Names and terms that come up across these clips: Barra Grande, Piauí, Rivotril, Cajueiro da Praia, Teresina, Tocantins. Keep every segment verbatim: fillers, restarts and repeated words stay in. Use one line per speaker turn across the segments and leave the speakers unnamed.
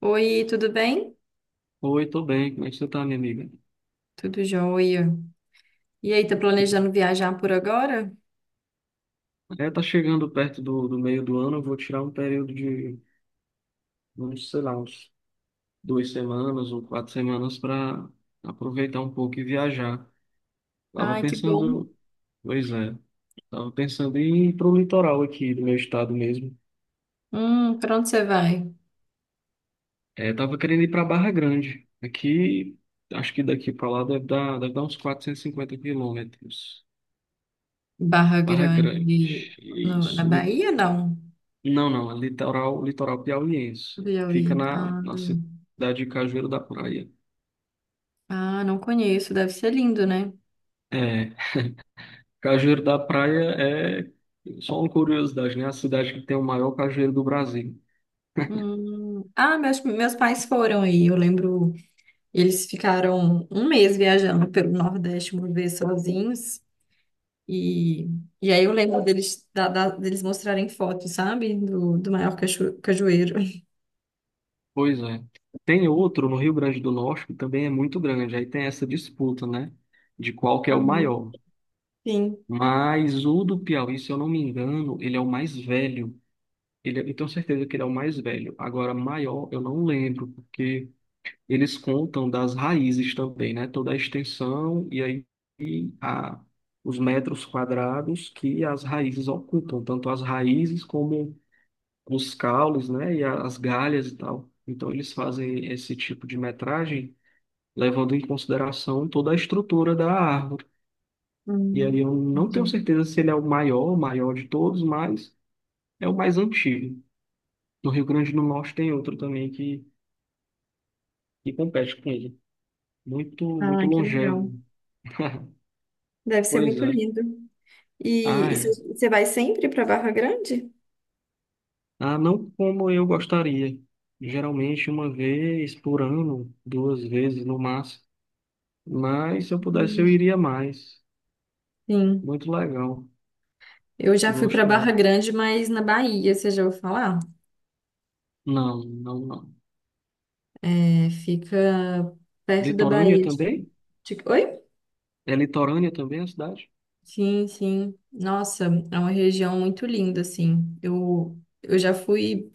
Oi, tudo bem?
Oi, tô bem. Como é que você tá, minha amiga?
Tudo jóia. E aí, tá
Tipo,
planejando viajar por agora?
é, tá chegando perto do, do meio do ano. Eu vou tirar um período de, vamos, sei lá, uns duas semanas ou quatro semanas para aproveitar um pouco e viajar. Tava
Ai, que bom.
pensando, pois é, tava pensando em ir pro litoral aqui do meu estado mesmo.
Hum, pra onde você vai?
É, tava querendo ir para Barra Grande. Aqui, acho que daqui para lá deve dar, deve dar uns 450 quilômetros.
Barra
Barra Grande,
Grande, no- na
isso.
Bahia, não?
Não, não, é litoral, litoral
No
piauiense. Fica
Piauí.
na,
Ah,
na
não.
cidade de Cajueiro da Praia.
Ah, não conheço. Deve ser lindo, né?
É, Cajueiro da Praia é só uma curiosidade, né? A cidade que tem o maior cajueiro do Brasil.
Hum. Ah, meus, meus pais foram aí. Eu lembro, eles ficaram um mês viajando pelo Nordeste uma vez sozinhos. E, e aí eu lembro deles, da- da- deles mostrarem fotos, sabe? Do, do maior cacho- cajueiro.
Pois é. Tem outro no Rio Grande do Norte que também é muito grande. Aí tem essa disputa, né? De qual que é o maior.
Sim.
Mas o do Piauí, se eu não me engano, ele é o mais velho. Ele, é- eu tenho certeza que ele é o mais velho. Agora, maior, eu não lembro, porque eles contam das raízes também, né? Toda a extensão e aí e a, os metros quadrados que as raízes ocupam, tanto as raízes como os caules, né? E a- as galhas e tal. Então eles fazem esse tipo de metragem levando em consideração toda a estrutura da árvore. E aí
Hum,
eu não tenho
entendi.
certeza se ele é o maior, o maior de todos, mas é o mais antigo. No Rio Grande do Norte tem outro também que, que compete com ele. Muito, muito
Ah, que legal.
longevo.
Deve ser
Pois
muito
é.
lindo.
Ah,
E e
é.
você você vai sempre para Barra Grande?
Ah, não como eu gostaria. Geralmente uma vez por ano, duas vezes no máximo. Mas se eu pudesse,
Hum.
eu iria mais.
Sim.
Muito legal.
Eu já fui para
Gosto
Barra
muito.
Grande, mas na Bahia, você já ouviu falar?
Não, não, não.
É, fica perto da
Litorânea
Bahia. de-
também?
de- Oi?
É litorânea também a cidade?
Sim, sim. Nossa, é uma região muito linda, assim. Eu, eu já fui,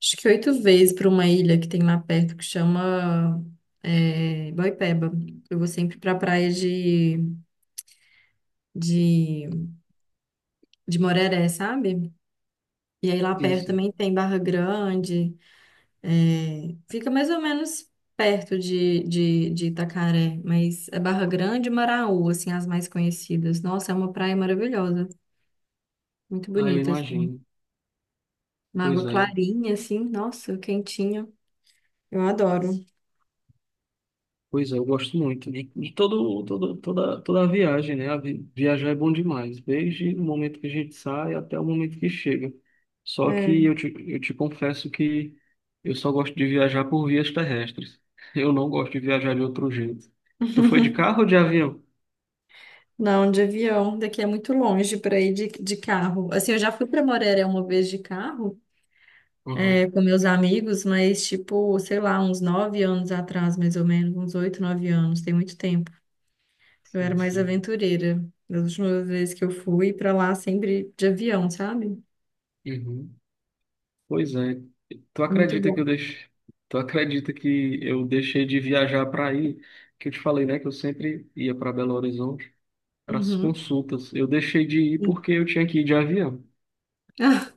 acho que oito vezes para uma ilha que tem lá perto que chama é, Boipeba. Eu vou sempre para praia de de, de Moreré, sabe? E aí lá
Sim,
perto
sim.
também tem Barra Grande, é, fica mais ou menos perto de, de, de Itacaré, mas é Barra Grande e Maraú, assim, as mais conhecidas. Nossa, é uma praia maravilhosa, muito
Ah, eu
bonita, assim.
imagino.
Uma
Pois
água
é.
clarinha, assim, nossa, quentinha. Eu adoro.
Pois é, eu gosto muito. E, e todo, todo, toda, toda a viagem, né? A vi- viajar é bom demais, desde o momento que a gente sai até o momento que chega. Só que
É.
eu te, eu te confesso que eu só gosto de viajar por vias terrestres. Eu não gosto de viajar de outro jeito. Tu foi de carro ou de avião?
Não, de avião, daqui é muito longe para ir de, de carro. Assim, eu já fui para Moreré uma vez de carro,
Uhum.
é, com meus amigos, mas tipo, sei lá, uns nove anos atrás, mais ou menos, uns oito, nove anos, tem muito tempo. Eu era
Sim,
mais
sim.
aventureira. Das últimas vezes que eu fui pra lá, sempre de avião, sabe?
Uhum. Pois é. Tu
É muito
acredita que eu
bom.
deixei, tu acredita que eu deixei de viajar para aí? Que eu te falei, né? Que eu sempre ia para Belo Horizonte. Para as
Uhum.
consultas. Eu deixei de ir
E
porque eu tinha que ir de avião.
Ah,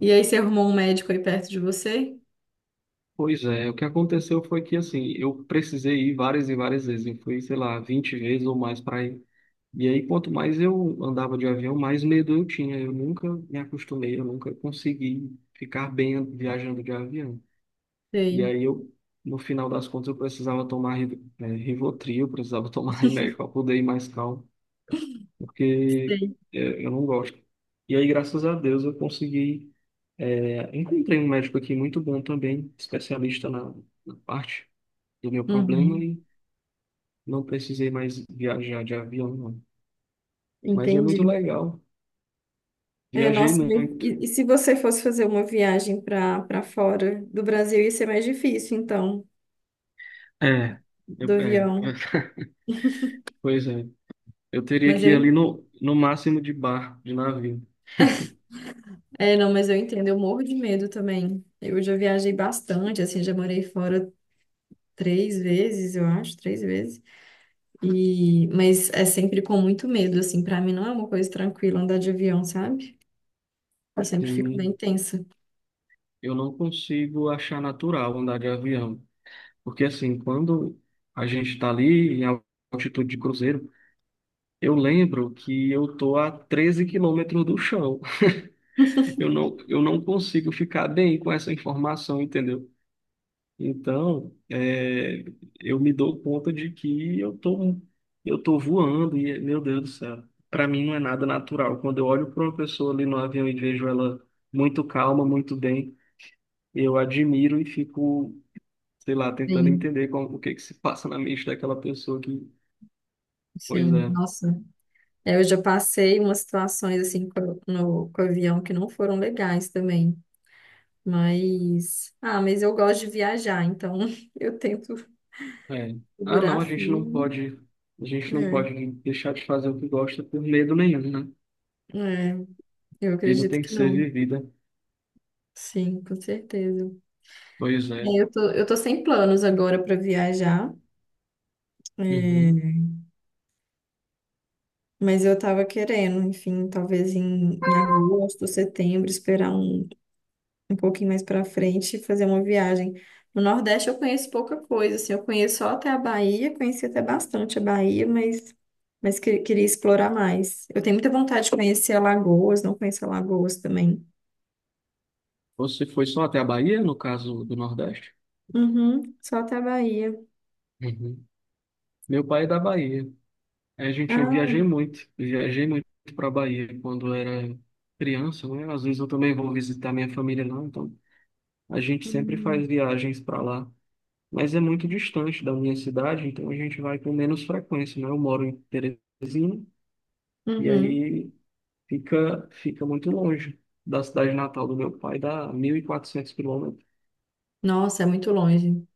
e aí, você arrumou um médico aí perto de você?
Pois é, o que aconteceu foi que assim, eu precisei ir várias e várias vezes. Eu fui, sei lá, vinte vezes ou mais para ir. E aí, quanto mais eu andava de avião, mais medo eu tinha. Eu nunca me acostumei, eu nunca consegui ficar bem viajando de avião. E
Sei,
aí eu, no final das contas, eu precisava tomar Riv- eh, Rivotril, eu precisava tomar remédio para poder ir mais calmo, porque
sei.
eh, eu não gosto. E aí, graças a Deus, eu consegui. É, encontrei um médico aqui muito bom também, especialista na, na parte do meu problema
Uhum.
e não precisei mais viajar de avião, não. Mas é muito
Entendi.
legal.
É,
Viajei
nossa, mas
muito.
e, e se você fosse fazer uma viagem para para fora do Brasil, ia ser mais difícil, então,
É, eu,
do
é,
avião.
pois é. Eu teria
Mas
que ir ali
eu,
no, no máximo de barco, de navio.
É, não, mas eu entendo, eu morro de medo também. Eu já viajei bastante, assim, já morei fora três vezes, eu acho, três vezes. E, mas é sempre com muito medo, assim, pra mim não é uma coisa tranquila andar de avião, sabe? Eu sempre fico bem
Sim,
tensa.
eu não consigo achar natural andar de avião. Porque assim, quando a gente está ali em altitude de cruzeiro, eu lembro que eu tô a treze quilômetros do chão. Eu não, eu não consigo ficar bem com essa informação, entendeu? Então, é, eu me dou conta de que eu tô, eu tô, voando e, meu Deus do céu, para mim não é nada natural. Quando eu olho para uma pessoa ali no avião e vejo ela muito calma, muito bem, eu admiro e fico, sei lá, tentando
Sim,
entender como, o que que se passa na mente daquela pessoa que, pois
sim,
é,
nossa. É, eu já passei umas situações, assim, co- no, com o avião que não foram legais também. Mas, ah, mas eu gosto de viajar, então eu tento
é. Ah,
segurar
não, a gente não
firme.
pode, a gente não
É,
pode deixar de fazer o que gosta por medo nenhum, né?
é, eu
Vida
acredito
tem que
que
ser
não.
vivida.
Sim, com certeza.
Pois é.
É, eu tô, eu tô sem planos agora para viajar,
Uhum.
é, mas eu tava querendo, enfim, talvez em, em agosto, setembro, esperar um, um pouquinho mais para frente e fazer uma viagem. No Nordeste eu conheço pouca coisa, assim, eu conheço só até a Bahia, conheci até bastante a Bahia, mas, mas que- queria explorar mais. Eu tenho muita vontade de conhecer Alagoas, não conheço Alagoas também.
Você foi só até a Bahia, no caso do Nordeste?
Uhum, só até a Bahia.
Uhum. Meu pai é da Bahia. A gente, eu
Ah,
viajei muito. Eu Viajei muito para Bahia quando era criança, né? Às vezes eu também vou visitar minha família lá, então a gente sempre
uhum.
faz viagens para lá. Mas é muito distante da minha cidade, então a gente vai com menos frequência, né? Eu moro em Teresina e
Uhum.
aí fica, fica muito longe da cidade natal do meu pai, dá mil e quatrocentos quilômetros.
Nossa, é muito longe.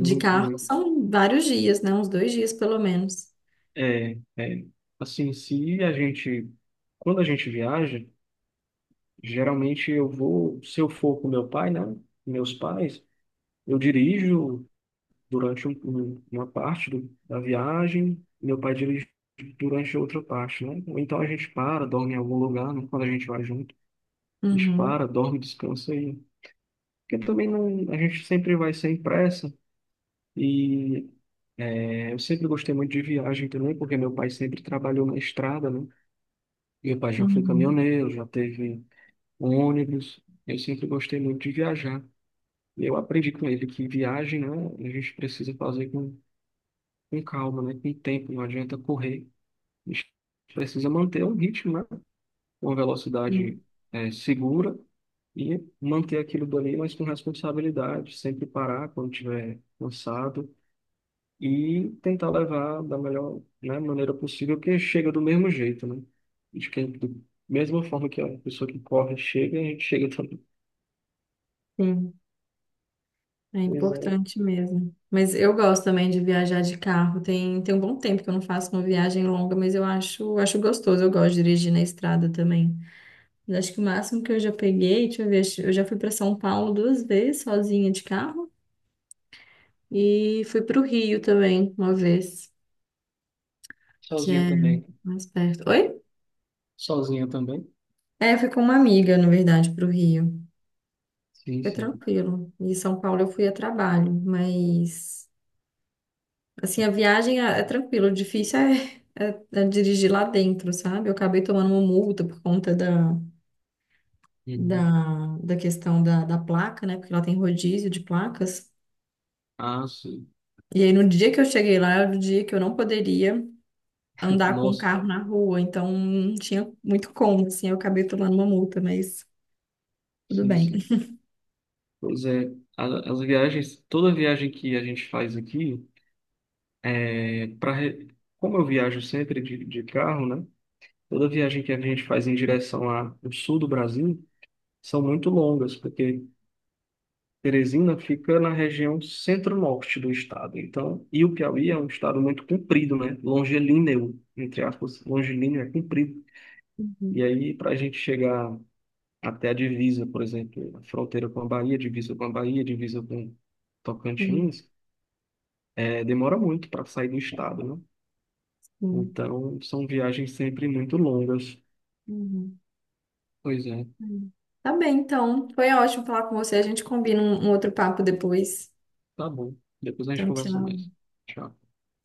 De carro
muito.
são vários dias, né? Uns dois dias, pelo menos.
É, é, assim, se a gente, quando a gente viaja, geralmente eu vou, se eu for com meu pai, né, meus pais, eu dirijo durante um- um- uma parte do- da viagem, meu pai dirige durante outra parte, né? Ou então a gente para, dorme em algum lugar, né? Quando a gente vai junto, a gente
Uhum,
para, dorme, descansa aí. Porque também não, a gente sempre vai sem pressa e é, eu sempre gostei muito de viagem também, porque meu pai sempre trabalhou na estrada, né? Meu pai já foi
uhum.
caminhoneiro, já teve um ônibus. Eu sempre gostei muito de viajar. E eu aprendi com ele que viagem, né, a gente precisa fazer com, com calma, né, com tempo, não adianta correr. A gente precisa manter um ritmo, né, uma velocidade
Sim,
eh, segura e manter aquilo dali, mas com responsabilidade. Sempre parar quando estiver cansado e tentar levar da melhor, né, maneira possível, porque chega do mesmo jeito, né? De que, da mesma forma que a pessoa que corre chega, a gente chega também.
sim. É
Pois é.
importante mesmo. Mas eu gosto também de viajar de carro. Tem, tem um bom tempo que eu não faço uma viagem longa, mas eu acho, acho gostoso. Eu gosto de dirigir na estrada também. Eu acho que o máximo que eu já peguei, deixa eu ver, acho- eu já fui para São Paulo duas vezes sozinha de carro e fui para o Rio também uma vez, que
Sozinha
é
também.
mais perto. Oi?
Sozinha também?
É, eu fui com uma amiga, na verdade, para o Rio.
Sim,
Foi
sim.
tranquilo. E São Paulo eu fui a trabalho, mas assim, a viagem é, é tranquilo, o difícil é, é- é dirigir lá dentro, sabe? Eu acabei tomando uma multa por conta da,
Uhum.
da, da questão da, da placa, né? Porque lá tem rodízio de placas.
Ah, sim.
E aí no dia que eu cheguei lá, era o dia que eu não poderia andar com o
Nossa,
carro na rua, então não tinha muito como, assim, eu acabei tomando uma multa, mas tudo
sim,
bem.
sim. Pois é, a- as viagens, toda viagem que a gente faz aqui, é, pra, re- como eu viajo sempre de, de carro, né? Toda viagem que a gente faz em direção a- ao sul do Brasil são muito longas, porque Teresina fica na região centro-norte do estado. Então, e o Piauí é um estado muito comprido, né? Longilíneo, entre aspas, longilíneo é comprido. E
Uhum,
aí, para a gente chegar até a divisa, por exemplo, a fronteira com a Bahia, divisa com a Bahia, divisa com
sim,
Tocantins, é, demora muito para sair do estado, né?
sim.
Então, são viagens sempre muito longas.
Uhum.
Pois é,
Hum. Tá bem, então. Foi ótimo falar com você. A gente combina um um outro papo depois.
tá bom. Depois a gente
Então,
conversa
tchau.
mais. Tchau.